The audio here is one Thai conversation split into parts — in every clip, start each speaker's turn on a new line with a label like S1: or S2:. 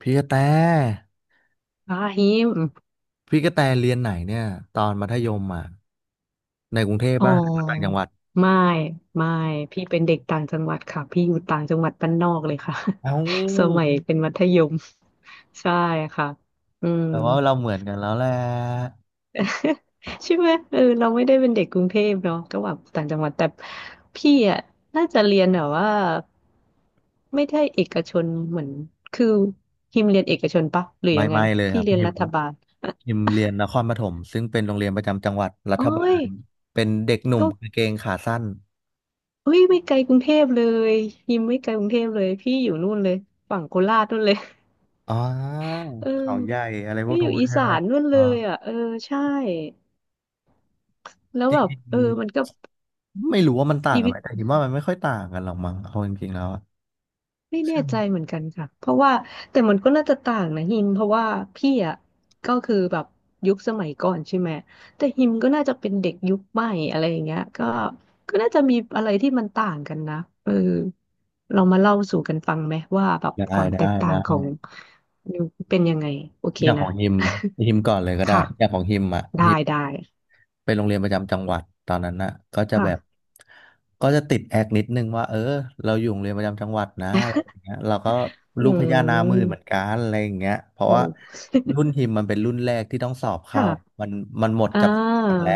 S1: พี่กระแต
S2: พาฮิม
S1: พี่กระแตเรียนไหนเนี่ยตอนมัธยมอ่ะในกรุงเทพ
S2: อ๋อ
S1: ป่ะหรือต่างจังหวัด
S2: ไม่ไม่พี่เป็นเด็กต่างจังหวัดค่ะพี่อยู่ต่างจังหวัดบ้านนอกเลยค่ะ
S1: เอ้า
S2: สมัยเป็นมัธยมใช่ค่ะอืม
S1: แต่ว่าเราเหมือนกันแล้วแหละ
S2: ใช่ไหมเออเราไม่ได้เป็นเด็กกรุงเทพเนาะก็แบบต่างจังหวัดแต่พี่อ่ะน่าจะเรียนแบบว่าไม่ได้เอกชนเหมือนคือฮิมเรียนเอกชนปะหรือ
S1: ไม่
S2: ยังไง
S1: ไม่เลยค
S2: พี่
S1: รับ
S2: เรียน
S1: พิม
S2: รัฐบาล
S1: เรียนนครปฐมซึ่งเป็นโรงเรียนประจำจังหวัดรั
S2: โอ้
S1: ฐบา
S2: ย
S1: ลเป็นเด็กหนุ่ม
S2: ก็
S1: กางเกงขาสั้น
S2: เฮ้ยไม่ไกลกรุงเทพเลยยิมไม่ไกลกรุงเทพเลยพี่อยู่นู่นเลยฝั่งโคราชนู่นเลย
S1: อ๋อ
S2: เออ
S1: เขาใหญ่อะไรพว
S2: ไม่
S1: ก
S2: อ
S1: นู้
S2: ยู่
S1: น
S2: อี
S1: ใช่
S2: สา
S1: ไหม
S2: นนู่นเล
S1: อ๋อ
S2: ยอ่ะเออใช่แล้ว
S1: จริ
S2: แบ
S1: ง
S2: บเออมันก็
S1: ๆไม่รู้ว่ามันต่าง
S2: ชี
S1: กัน
S2: วิ
S1: ไห
S2: ต
S1: มแต่คิดว่ามันไม่ค่อยต่างกันหรอกมั้งเอาจริงๆแล้วอะ
S2: ไม่
S1: ใช่
S2: แน่
S1: ไหม
S2: ใจเหมือนกันค่ะเพราะว่าแต่มันก็น่าจะต่างนะฮิมเพราะว่าพี่อ่ะก็คือแบบยุคสมัยก่อนใช่ไหมแต่ฮิมก็น่าจะเป็นเด็กยุคใหม่อะไรอย่างเงี้ยก็น่าจะมีอะไรที่มันต่างกันนะเออเรามาเล่าสู่กันฟังไหมว่าแบบ
S1: ได้
S2: ความแต
S1: ได้
S2: กต่า
S1: ได้
S2: งของยุคเป็นยังไงโอเค
S1: อย่างข
S2: นะ
S1: องฮิมฮิมก่อนเลยก็ ได้
S2: ค่ะ
S1: อย่างของฮิมอ่ะฮิ
S2: ได้
S1: ม
S2: ได้
S1: ไปโรงเรียนประจำจังหวัดตอนนั้นน่ะก็จะแบบ
S2: ค่ะ
S1: ก็จะติดแอกนิดนึงว่าเออเราอยู่โรงเรียนประจำจังหวัดนะอะไรอย่างเงี้ยเราก็
S2: อื
S1: ลูกพญานาคมือเหมื
S2: ม
S1: อนกันอะไรอย่างเงี้ยเพราะ
S2: โอ
S1: ว่า
S2: ้
S1: รุ่นฮิมมันเป็นรุ่นแรกที่ต้องสอบเข้า
S2: ค่ะ
S1: มันมันหมด
S2: อ่า
S1: จับฉลากแล้ว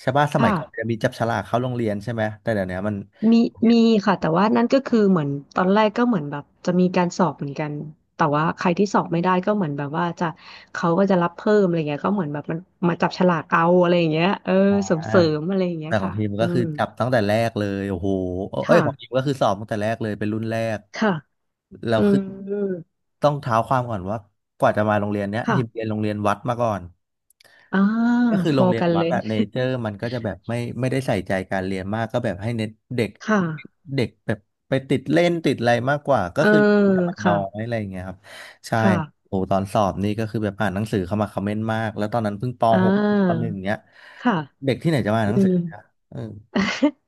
S1: ใช่ป่ะสมั
S2: ค่ะ
S1: ยก่อนมันจะมีจับฉลากเข้าโรงเรียนใช่ไหมแต่เดี๋ยวนี้มัน
S2: มีมีค่ะ แต่ว่านั่นก็คือเหมือนตอนแรกก็เหมือนแบบจะมีการสอบเหมือนกัน แต่ว่าใครที่สอบไม่ได้ก็เหมือนแบบว่าจะเขาก็จะรับเพิ่มอะไรเงี้ยก็เหมือนแบบมันมาจับฉลากเอาอะไรอย่างเงี้ยเออ
S1: อ่า
S2: เสริมเสริมอะไรอย่างเงี้
S1: แต่
S2: ย
S1: ของ
S2: ค่ะ
S1: ทีม
S2: อื
S1: ก็คือ
S2: ม
S1: จับตั้งแต่แรกเลยโอ้โหเอ้ยของทีม
S2: ค่ะ
S1: ก็คือสอบตั้งแต่แรกเลยเป็นรุ่นแรก
S2: ค่ะ
S1: แล้
S2: อื
S1: วคือ
S2: ม
S1: ต้องเท้าความก่อนว่ากว่าจะมาโรงเรียนเนี้ยทีมเรี
S2: ค่ะ
S1: ยนโรงเรียนวัดมาก่อน
S2: อ่า
S1: ก็คือ
S2: พ
S1: โร
S2: อ
S1: งเรียน
S2: กัน
S1: วั
S2: เล
S1: ด
S2: ย
S1: อะเนเจอร์มันก็จะแบบไม่ได้ใส่ใจการเรียนมากก็แบบให้เน้นเด็ก
S2: ค่ะ
S1: เด็กแบบไปติดเล่นติดอะไรมากกว่าก็
S2: เออ
S1: คือแต่มันน้อ
S2: ค่ะ
S1: ยอะไรอย่างเงี้ยครับใช่
S2: ค่ะ
S1: โอ้ตอนสอบนี่ก็คือแบบอ่านหนังสือเข้ามาคอมเมนต์มากแล้วตอนนั้นเพิ่งป
S2: อ่
S1: หกปห
S2: า
S1: นึ่งเนี้ย
S2: ค่ะ
S1: เด็กที่ไหนจะมาอ่าน
S2: อื
S1: หนังสื
S2: ม
S1: อนะเออ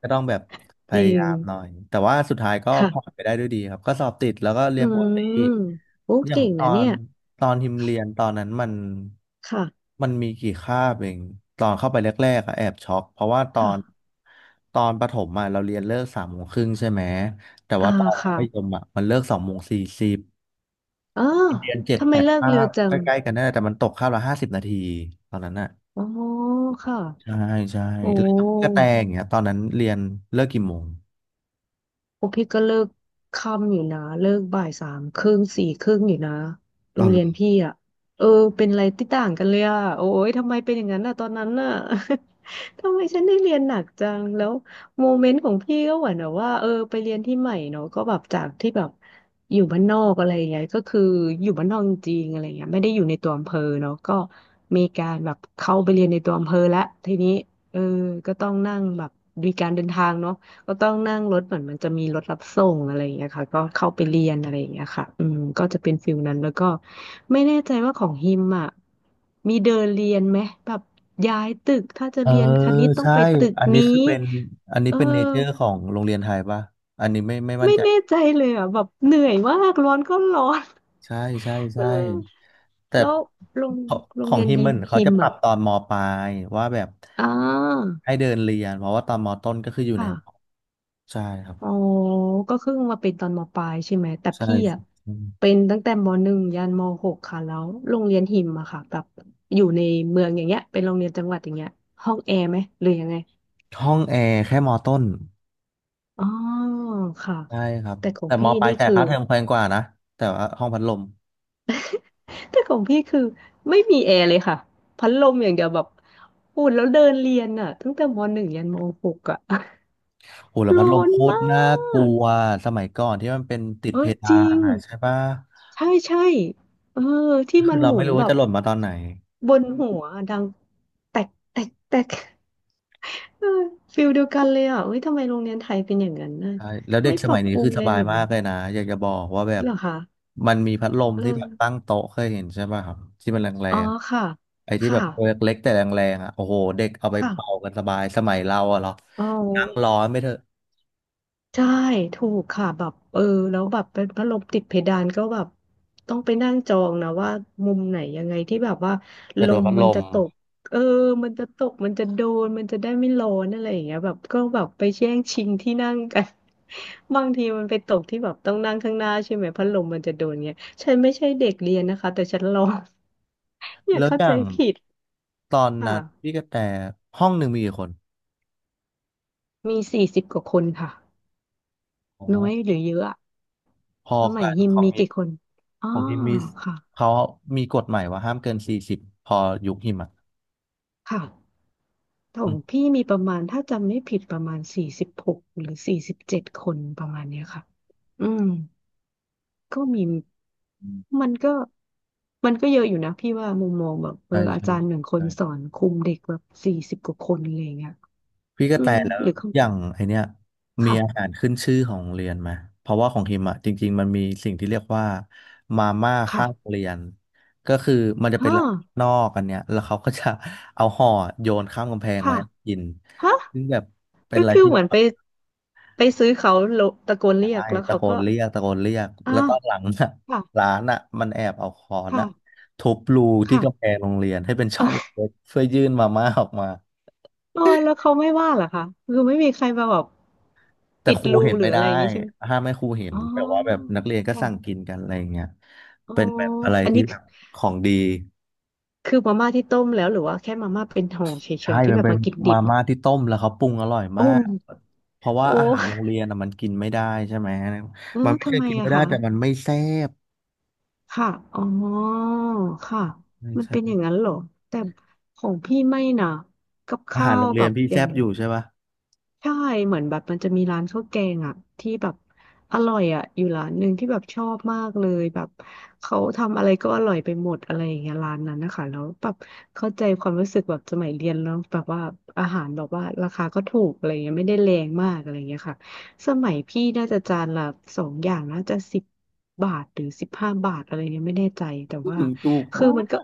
S1: ก็ต้องแบบ พ
S2: จริ
S1: ยายา
S2: ง
S1: มหน่อย แต่ว่าสุดท้ายก็ผ่าน
S2: ค่ะ
S1: ไปได้ด้วยดีครับก็สอบติดแล้วก็เรี
S2: อื
S1: ยนปก
S2: ม
S1: ติ
S2: โอ้
S1: อย่าง
S2: เก่ง
S1: ตอ
S2: นะเนี่
S1: น
S2: ย
S1: ทิมเรียนตอนนั้นมัน
S2: ค่ะ
S1: มันมีกี่คาบเองตอนเข้าไปแรกๆอะแอบช็อกเพราะว่าตอน
S2: ค่ะ
S1: ตอนประถมอะเราเรียนเลิกสามโมงครึ่งใช่ไหม แต่
S2: อ่า
S1: ว่าตอนมั
S2: ค่ะ
S1: ธยมอะมันเลิกสองโมงสี่สิบ
S2: อ๋อ
S1: เรียนเจ็ด
S2: ทำไม
S1: แปด
S2: เลิก
S1: คา
S2: เร็ว
S1: บ
S2: จั
S1: ใก
S2: ง
S1: ล้ๆกันนั่นแหละแต่มันตกคาบละห้าสิบนาทีตอนนั้นอะ
S2: อ๋อค่ะ
S1: ใช่ใช่
S2: โอ
S1: แล้วอย่างพี่กระ
S2: ้
S1: แตอย่างเงี้ยตอนนั้นเรียนเลิกกี่โมง
S2: พวกพี่ก็เลิกค่ำอยู่นะเลิกบ่ายสามครึ่งสี่ครึ่งอยู่นะโร
S1: เอา
S2: ง
S1: เล
S2: เรียน
S1: ย
S2: พี่อ่ะเออเป็นอะไรที่ต่างกันเลยอ่ะโอ้ยทำไมเป็นอย่างนั้นอ่ะตอนนั้นน่ะ ทำไมฉันได้เรียนหนักจังแล้วโมเมนต์ของพี่ก็เหมือนแบบว่าเออไปเรียนที่ใหม่เนาะก็แบบจากที่แบบอยู่บ้านนอกอะไรอย่างเงี้ยก็คืออยู่บ้านนอกจริงๆอะไรเงี้ยไม่ได้อยู่ในตัวอำเภอเนาะก็มีการแบบเข้าไปเรียนในตัวอำเภอแล้วทีนี้เออก็ต้องนั่งแบบมีการเดินทางเนาะ ก็ต้องนั่งรถเหมือนมันจะมีรถรับส่งอะไรอย่างเงี้ยค่ะก็เข้าไปเรียนอะไรอย่างเงี้ยค่ะอืมก็จะเป็นฟิลนั้นแล้วก็ไม่แน่ใจว่าของฮิมอ่ะมีเดินเรียนไหมแบบย้ายตึกถ้าจะ
S1: เออ
S2: เรียนคณิตต้อง
S1: ใช่
S2: ไปตึก
S1: อันนี้
S2: นี้
S1: คือเป็นอันนี้
S2: เออ
S1: เป็นเนเจอร์ของโรงเรียนไทยป่ะอันนี้ไม่มั่น
S2: ไม่
S1: ใจ
S2: แน่ใจเลยอ่ะแบบเหนื่อยมากร้อนก็ร้อน
S1: ใช่ใช่ ใช่
S2: เออ
S1: แต่
S2: แล้วโรง
S1: ของ
S2: โร
S1: ข
S2: ง
S1: อง
S2: เรียน
S1: ฮิม
S2: ยิ
S1: มั
S2: ม
S1: นเขา
S2: ฮิ
S1: จะ
S2: ม
S1: ปรั
S2: อ่ะ
S1: บตอนมปลายว่าแบบ
S2: อ่า
S1: ให้เดินเรียนเพราะว่าตอนมต้นก็คืออยู่ใน
S2: ค่ะ
S1: ห้องใช่ครับ
S2: อ๋อก็เพิ่งมาเป็นตอนมปลายใช่ไหมแต่
S1: ใช่
S2: พี่อ่ะเป็นตั้งแต่มหนึ่งยันมหกค่ะแล้วโรงเรียนหิมอะค่ะแบบอยู่ในเมืองอย่างเงี้ยเป็นโรงเรียนจังหวัดอย่างเงี้ยห้องแอร์ไหมหรือยังไง
S1: ห้องแอร์แค่มต้น
S2: อ๋อค่ะ
S1: ใช่ครับ
S2: แต่ของ
S1: แต่ม
S2: พี่
S1: ปลาย
S2: นี่
S1: จ่าย
S2: คือ
S1: ค่าเทอมแพงกว่านะแต่ว่าห้องพัดลม
S2: แต่ของพี่คือไม่มีแอร์เลยค่ะ พัดลมอย่างเดียวแบบอุ่นแล้วเดินเรียนอ่ะตั้งแต่มหนึ่งยันมหกอ่ะ
S1: โอ้แล้ว พัด
S2: ร้
S1: ล
S2: อ
S1: ม
S2: น
S1: โคตร
S2: มา
S1: น่ากลั
S2: ก
S1: วสมัยก่อนที่มันเป็นติด
S2: เอ
S1: เพ
S2: อจ
S1: ดา
S2: ริ
S1: น
S2: ง
S1: อะใช่ปะ
S2: ใช่ใช่เออที่
S1: คื
S2: มั
S1: อ
S2: น
S1: เรา
S2: หมุ
S1: ไม่
S2: น
S1: รู้
S2: แบ
S1: ว่า
S2: บ
S1: จะหล่นมาตอนไหน
S2: บนหัวดังแตกแตกแตกเออฟิลเดียวกันเลยอ่ะเฮ้ยทำไมโรงเรียนไทยเป็นอย่างนั้นน่ะ
S1: ใช่แล้วเด็
S2: ไม่
S1: กส
S2: ปรั
S1: มัย
S2: บ
S1: นี้
S2: ปรุ
S1: คื
S2: ง
S1: อส
S2: เลย
S1: บาย
S2: เหรอ
S1: มากเลยนะอยากจะบอกว่าแบบ
S2: เหรอคะ
S1: มันมีพัดลม
S2: เอ
S1: ที่แบบตั้ง
S2: อ
S1: โต๊ะเคยเห็นใช่ปะครับที่มันแร
S2: อ๋อ
S1: ง
S2: ค่ะ
S1: ๆไอ้ที่แบ
S2: ค่ะ
S1: บตัวเล็กๆแต่แรงๆอ่ะโอ้โหเด็กเอาไป
S2: ค่ะ
S1: เป่ากันสบายสมัยเราอะเหรอ
S2: อ๋อ
S1: นั่งร้อนไม่เถอะ
S2: ใช่ถูกค่ะแบบเออแล้วแบบเป็นพัดลมติดเพดานก็แบบต้องไปนั่งจองนะว่ามุมไหนยังไงที่แบบว่า
S1: แต่
S2: ล
S1: โดน
S2: ม
S1: พัดล
S2: มัน
S1: ม
S2: จะตกเออมันจะตกมันจะโดนมันจะได้ไม่ร้อนอะไรอย่างเงี้ยแบบก็แบบไปแย่งชิงที่นั่งกัน บางทีมันไปตกที่แบบต้องนั่งข้างหน้าใช่ไหมพัดลมมันจะโดนเงี้ยฉันไม่ใช่เด็กเรียนนะคะแต่ฉันลอง อย่า
S1: แล้ว
S2: เข้า
S1: อ
S2: ใจ
S1: ย่าง
S2: ผิด
S1: ตอนนั้
S2: ค่ะ
S1: นพี่กระแตห้องหนึ่งมีกี่คน
S2: มีสี่สิบกว่าคนค่ะ
S1: อ๋อ
S2: น้อยหรือเยอะอะ
S1: พอ
S2: สมั
S1: กั
S2: ย
S1: น
S2: ยิม
S1: ของ
S2: มี
S1: ฮิม
S2: กี่คนอ๋
S1: ข
S2: อ
S1: องฮิมมี
S2: ค่ะ
S1: เขามีกฎใหม่ว่าห้ามเกินสี่สิบพอยุคหิมอ่ะ
S2: ค่ะ ขอ
S1: อื
S2: งพี่มีประมาณถ้าจำไม่ผิดประมาณ46หรือ47คนประมาณเนี้ยค่ะอืมก็มี
S1: ม
S2: มันก็มันก็เยอะอยู่นะพี่ว่ามุมมองแบบเออ
S1: ใช่
S2: อา
S1: ใช่
S2: จารย์หนึ่งคน
S1: ใช่
S2: สอนคุมเด็กแบบสี่สิบกว่าคนอะไรอย่างเงี้ย
S1: พี่ก
S2: อื
S1: ระแต
S2: ม
S1: แล้ว
S2: หรือเขา
S1: อย่างไอเนี้ยมีอาหา
S2: ค่ะ
S1: รขึ้นชื่อของโรงเรียนไหมเพราะว่าของฮิมอ่ะจริงๆมันมีสิ่งที่เรียกว่ามาม่า
S2: ค่ะ
S1: ข้างโรงเรียนก็คือมันจะเป็น
S2: ฮ่า
S1: ร้านนอกอันเนี้ยแล้วเขาก็จะเอาห่อโยนข้ามกำแพงมา
S2: ค่ะ
S1: ให้กิน
S2: ฮะ
S1: ซึ่งแบบเป็น
S2: ก็
S1: อะไร
S2: คือ
S1: ที่
S2: เหมือนไปซื้อเขาโลตะโกนเรีย
S1: ใช่
S2: กแล้ว
S1: ตะ
S2: เขา
S1: โกน
S2: ก็
S1: เรียกตะโกนเรียก
S2: อ่า
S1: แล้วตอนหลังน่ะ
S2: ค่ะ
S1: ร้านน่ะมันแอบเอาค้อน
S2: ค่ะ
S1: อ่ะทุบรูที่กำแพ
S2: ค่ะ
S1: งโรงเรียนให้เป็นช่องเล็ก ๆเพื่อยื่นมาม่าออกมา
S2: เออแล้วเขาไม่ว่าเหรอคะคือไม่มีใครมาแบบ
S1: แต่
S2: ปิด
S1: ครู
S2: รู
S1: เห็น
S2: หรื
S1: ไม่
S2: ออะ
S1: ได้
S2: ไรอย่างงี้ใช่ไหม
S1: ห้ามไม่ครูเห็น
S2: อ๋อ
S1: แต่ว่าแบบนักเรียนก็
S2: ค่ะ
S1: สั่งกินกันอะไรอย่างเงี้ย
S2: อ๋อ
S1: เป็นแบบอะไร
S2: อัน
S1: ที่
S2: นี้
S1: แบ
S2: คือ
S1: บของดี
S2: มาม่าที่ต้มแล้วหรือว่าแค่มาม่าเป็นห่อเฉ
S1: ใช่
S2: ยๆ ที่
S1: มัน
S2: แบบ
S1: เป็น
S2: มากินดิ
S1: มา
S2: บ
S1: ม่าที่ต้มแล้วเขาปรุงอร่อย
S2: โอ้
S1: มากเพราะว่าอาหารโร
S2: โอ้
S1: งเรียนน่ะมันกินไม่ได้ใช่ไหม
S2: เออ
S1: มันไม่
S2: ทำ
S1: ใช่
S2: ไม
S1: กินไม่
S2: อะ
S1: ได้
S2: คะ
S1: แต่มันไม่แซ่บ
S2: ค่ะอ๋อค่ะ
S1: ไม่
S2: มัน
S1: ใช่
S2: เป็นอย่างนั้นเหรอ แต่ของพี่ไม่นะกับ
S1: อา
S2: ข้า
S1: หารโร
S2: ว
S1: ง
S2: แบ
S1: เรียน
S2: บ
S1: พี่
S2: อย่า
S1: แซ่
S2: ง
S1: บอยู่ใช่ปะ
S2: ใช่เหมือนแบบมันจะมีร้านข้าวแกงอ่ะที่แบบอร่อยอ่ะอยู่ร้านหนึ่งที่แบบชอบมากเลยแบบเขาทำอะไรก็อร่อยไปหมดอะไรอย่างเงี้ยร้านนั้นนะคะแล้วแบบเข้าใจความรู้สึกแบบสมัยเรียนแล้วแบบว่าอาหารแบบว่าราคาก็ถูกอะไรเงี้ยไม่ได้แรงมากอะไรเงี้ยค่ะสมัยพี่น่าจะจานละสองอย่างน่าจะสิบบาทหรือสิบห้าบาทอะไรเงี้ยไม่แน่ใจแต่
S1: อื้อ
S2: ว่า
S1: หือถูก
S2: คือ
S1: มา
S2: มันก็
S1: ก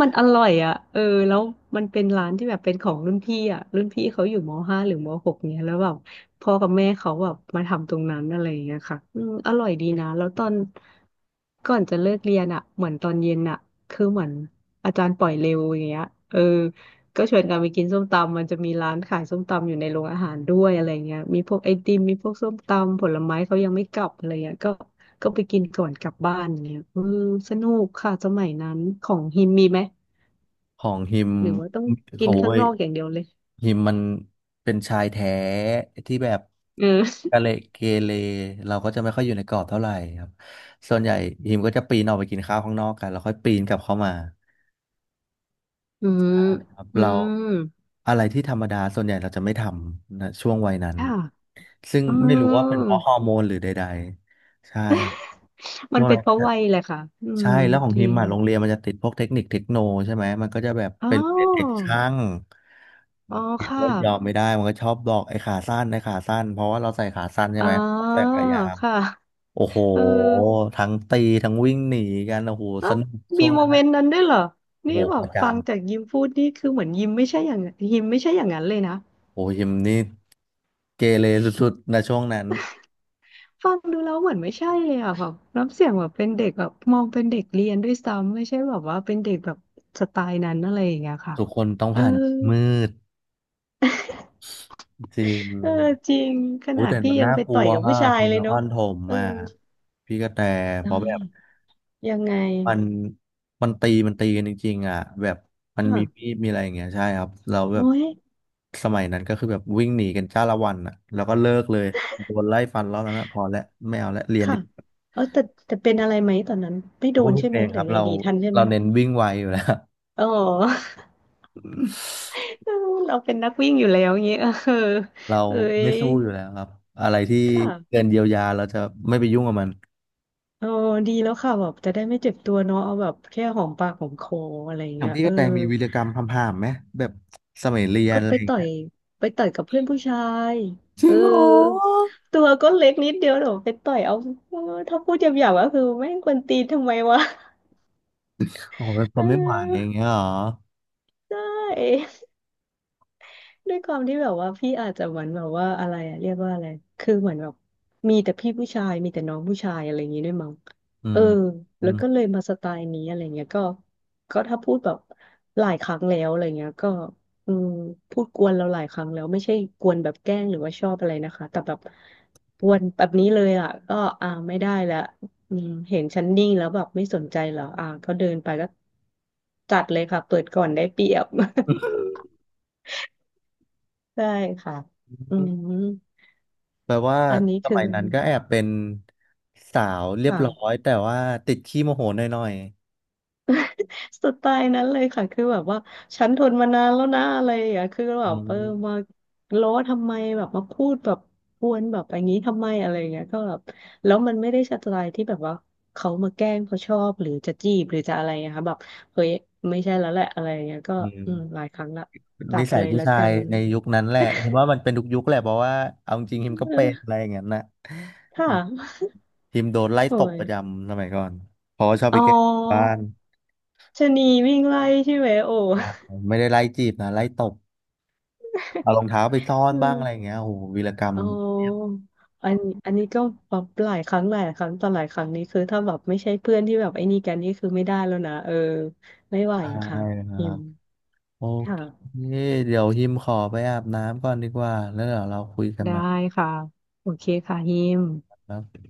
S2: มันอร่อยอ่ะเออแล้วมันเป็นร้านที่แบบเป็นของรุ่นพี่อ่ะรุ่นพี่เขาอยู่มห้าหรือมหกเนี่ยแล้วแบบพ่อกับแม่เขาแบบมาทำตรงนั้นอะไรอย่างเงี้ยค่ะอืมอร่อยดีนะแล้วตอนก่อนจะเลิกเรียนอ่ะเหมือนตอนเย็นอ่ะคือเหมือนอาจารย์ปล่อยเร็วอย่างเงี้ยเออก็ชวนกันไปกินส้มตำมันจะมีร้านขายส้มตำอยู่ในโรงอาหารด้วยอะไรเงี้ยมีพวกไอติมมีพวกส้มตำผลไม้เขายังไม่กลับอะไรเงี้ยก็ ก็ไปกินก่อนกลับบ้านอย่างเงี้ยเออสนุกค่ะสมัยนั้น ของฮิมมีไหม
S1: ของฮิม
S2: หรือว่าต้องกิ
S1: โอ้
S2: นข้าง
S1: ย
S2: นอกอย่างเดียวเลย
S1: ฮิมมันเป็นชายแท้ที่แบบ
S2: เออ
S1: กะเลเกเรเราก็จะไม่ค่อยอยู่ในกรอบเท่าไหร่ครับส่วนใหญ่ฮิมก็จะปีนออกไปกินข้าวข้างนอกกันแล้วค่อยปีนกลับเข้ามา
S2: อืม
S1: ครับ
S2: อื
S1: เรา
S2: ม
S1: อะไรที่ธรรมดาส่วนใหญ่เราจะไม่ทำนะช่วงวัยนั้น
S2: ค่ะ
S1: ซึ่ง
S2: อ๋
S1: ไม่รู้ว่าเป็น
S2: อ
S1: เพราะฮอร์โมนหรือใดๆใช่ครับ
S2: มั
S1: ช่
S2: น
S1: วง
S2: เป็
S1: นั้
S2: น
S1: น
S2: เพราะวัยแหละค่ะ อื
S1: ใช่
S2: ม
S1: แล้วของ
S2: จ
S1: ฮิ
S2: ริ
S1: ม
S2: ง
S1: อ่ะโรงเรียนมันจะติดพวกเทคนิคเทคโนใช่ไหมมันก็จะแบบ
S2: อ๋อ
S1: เป็นเด็กช่าง
S2: อ๋อ
S1: ฮิม
S2: ค่ะ
S1: ก็ยอมไม่ได้มันก็ชอบบอกไอ้ขาสั้นไอ้ขาสั้นเพราะว่าเราใส่ขาสั้นใช่
S2: อ๋อ
S1: ไหมผมใส่ขายาว
S2: ค่ะ
S1: โอ้โห
S2: เออ
S1: ทั้งตีทั้งวิ่งหนีกันโอ้โห
S2: อ่ะ
S1: สนุกช่
S2: มี
S1: วง
S2: โม
S1: นั้น
S2: เม
S1: นะ
S2: นต์นั้นด้วยเหรอ
S1: โอ้
S2: นี่
S1: โห
S2: แบ
S1: ป
S2: บ
S1: ระจ
S2: ฟังจากยิมพูดนี่คือเหมือนยิมไม่ใช่อย่างยิมไม่ใช่อย่างนั้นเลยนะ
S1: ำโอ้ฮิมนี่เกเรสุดๆนะช่วงนั้น
S2: ฟังดูแล้วเหมือนไม่ใช่เลยอ่ะแบบน้ำเสียงแบบเป็นเด็กแบบมองเป็นเด็กเรียนด้วยซ้ำไม่ใช่แบบว่าเป็นเด็กแบบสไตล์นั้นอะไรอย่างเงี้ยค่ะ
S1: ทุกคนต้อง
S2: เออ
S1: ผ่านมืดจริง
S2: เออจริงข
S1: อุ้
S2: นา
S1: ย
S2: ด
S1: แต่
S2: พี่
S1: มัน
S2: ยัง
S1: น่า
S2: ไป
S1: กลั
S2: ต่อ
S1: ว
S2: ยกับ
S1: อะ
S2: ผู้ชา
S1: ค
S2: ย
S1: น
S2: เล
S1: น
S2: ย
S1: ค
S2: เนาะ
S1: รถม
S2: เออ
S1: อ่ะพี่กระแตเพ
S2: ได้
S1: ราะแบบ
S2: ยังไง
S1: มันมันตีกันจริงๆอ่ะแบบมันมี
S2: ค่ะ
S1: ดมีอะไรอย่างเงี้ยใช่ครับเราแบ
S2: โอ้
S1: บ
S2: ย
S1: สมัยนั้นก็คือแบบวิ่งหนีกันจ้าละวันอ่ะแล้วก็เลิกเลยโดนไล่ฟันรอบนั้นอะพอแล้วไม่เอาแล้วเรียนดี
S2: ค่ะ
S1: กว่า
S2: เออแต่แต่เป็นอะไรไหมตอนนั้นไม่โด
S1: โอ้
S2: น
S1: พี่
S2: ใช่
S1: เพ
S2: ไหม
S1: ลง
S2: ห
S1: ค
S2: รื
S1: รั
S2: อ
S1: บ
S2: ไง
S1: เรา
S2: ดีทันใช่ไห
S1: เรา
S2: ม
S1: เน้นวิ่งไวอยู่แล้ว
S2: อ๋อ เราเป็นนักวิ่งอยู่แล้วอย่างเงี้ยเออ
S1: เรา
S2: เอ้ย
S1: ไม่สู้อยู่แล้วครับอะไรที่
S2: ค
S1: เกิ
S2: ่ะ
S1: นเยียวยาเราจะไม่ไปยุ่งกับมัน
S2: เออดีแล้วค่ะแบบจะได้ไม่เจ็บตัวเนาะเอาแบบแค่หอมปากหอมคออะไรอย่า
S1: อ
S2: ง
S1: ย่าง
S2: เงี้ย
S1: พี่
S2: เอ
S1: ก
S2: อ
S1: ระแตมีวีรกรรมทำผ่ามๆไหมแบบสมัยเรียน
S2: ก็
S1: อะไร
S2: ไป
S1: อย่าง
S2: ต่อ
S1: เงี้
S2: ย
S1: ย
S2: กับเพื่อนผู้ชาย
S1: จริ
S2: เออ
S1: งเหรอ
S2: ตัวก็เล็กนิดเดียวเดี๋ยวไปต่อยเอาเออถ้าพูดหยาบๆก็คือแม่งกวนตีนทำไมวะ
S1: โอ้โหแบบท
S2: เ
S1: นไม่ไหวอย่าง
S2: ออ
S1: เงี้ยเหรอ
S2: ได้ ด้วยความที่แบบว่าพี่อาจจะเหมือนแบบว่าอะไรอะเรียกว่าอะไรคือเหมือนแบบมีแต่พี่ผู้ชายมีแต่น้องผู้ชายอะไรอย่างงี้ด้วยมั้ง
S1: อื
S2: เออ
S1: ม
S2: แล้วก็เลยมาสไตล์นี้อะไรเงี้ยก็ก็ถ้าพูดแบบหลายครั้งแล้วอะไรเงี้ยก็อืมพูดกวนเราหลายครั้งแล้วไม่ใช่กวนแบบแกล้งหรือว่าชอบอะไรนะคะแต่แบบกวนแบบนี้เลยอ่ะก็อ่าไม่ได้ละอืมเห็นฉันนิ่งแล้วแบบไม่สนใจเหรออ่าก็เดินไปก็จัดเลยค่ะเปิดก่อนได้เปรียบ ได้ค่ะอืม
S1: แปลว่า
S2: อันนี้
S1: ส
S2: คื
S1: มั
S2: อ
S1: ยนั้นก็แอบเป็นสาวเรียบ
S2: ค่ะ
S1: ร้อยแต่ว่าติดขี้โมโหหน่อย
S2: สไตล์นั้นเลยค่ะคือแบบว่าฉันทนมานานแล้วนะอะไรอย่างเงี้ยคือ
S1: ๆ
S2: แบ
S1: อื
S2: บเออ
S1: ม
S2: มาล้อทำไมแบบมาพูดแบบกวนแบบอย่างนี้ทำไมอะไรอย่างเงี้ยก็แบบแล้วมันไม่ได้สไตล์ที่แบบว่าเขามาแกล้งเพราะชอบหรือจะจีบหรือจะอะไรนะคะแบบเฮ้ยไม่ใช่แล้วแหละอะไรอย่างเงี้ยก็
S1: อื
S2: อื
S1: ม
S2: มหลายครั้งละตั
S1: นิ
S2: ด
S1: สัย
S2: เลย
S1: ผู้
S2: แล้ว
S1: ชา
S2: กั
S1: ย
S2: น
S1: ในยุคนั้นแหละผมว่ามันเป็นทุกยุคแหละเพราะว่าเอาจริงฮิมก็
S2: เอ
S1: เป็นอะ
S2: อ
S1: ไรอย่างนั้นนะ
S2: ค
S1: อืม
S2: ่ะ
S1: ฮิมโดนไล่
S2: โอ้
S1: ตบ
S2: ย
S1: ประจำสมัยก่อน เพราะว่าชอบ
S2: อ๋
S1: ไปแกล้งบ้า
S2: อ
S1: น
S2: ชะนีวิ่งไล่ใช่ไหมโอ้
S1: อ่าไม่ได้ไล่จีบนะไล่ตบเอา รองเท้าไปซ่อน
S2: อื
S1: บ้า
S2: ม
S1: งอะไรอย่างเงี้ยโอ้โหวีรกรรม
S2: อ๋ออันอันนี้ก็แบบหลายครั้งต่อหลายครั้งนี้คือถ้าแบบไม่ใช่เพื่อนที่แบบไอ้นี่กันนี่คือไม่ได้แล้วนะเออไม่ไหว
S1: ใช่
S2: ค่ะ
S1: ครั
S2: ฮิ
S1: บ
S2: ม
S1: โอเ
S2: ค่ะ
S1: คเดี๋ยวฮิมขอไปอาบน้ำก่อนดีกว่าแล้วเดี๋ยวเราคุยกัน
S2: ได้
S1: ใหม่
S2: ค่ะโอเคค่ะฮิม
S1: ครับ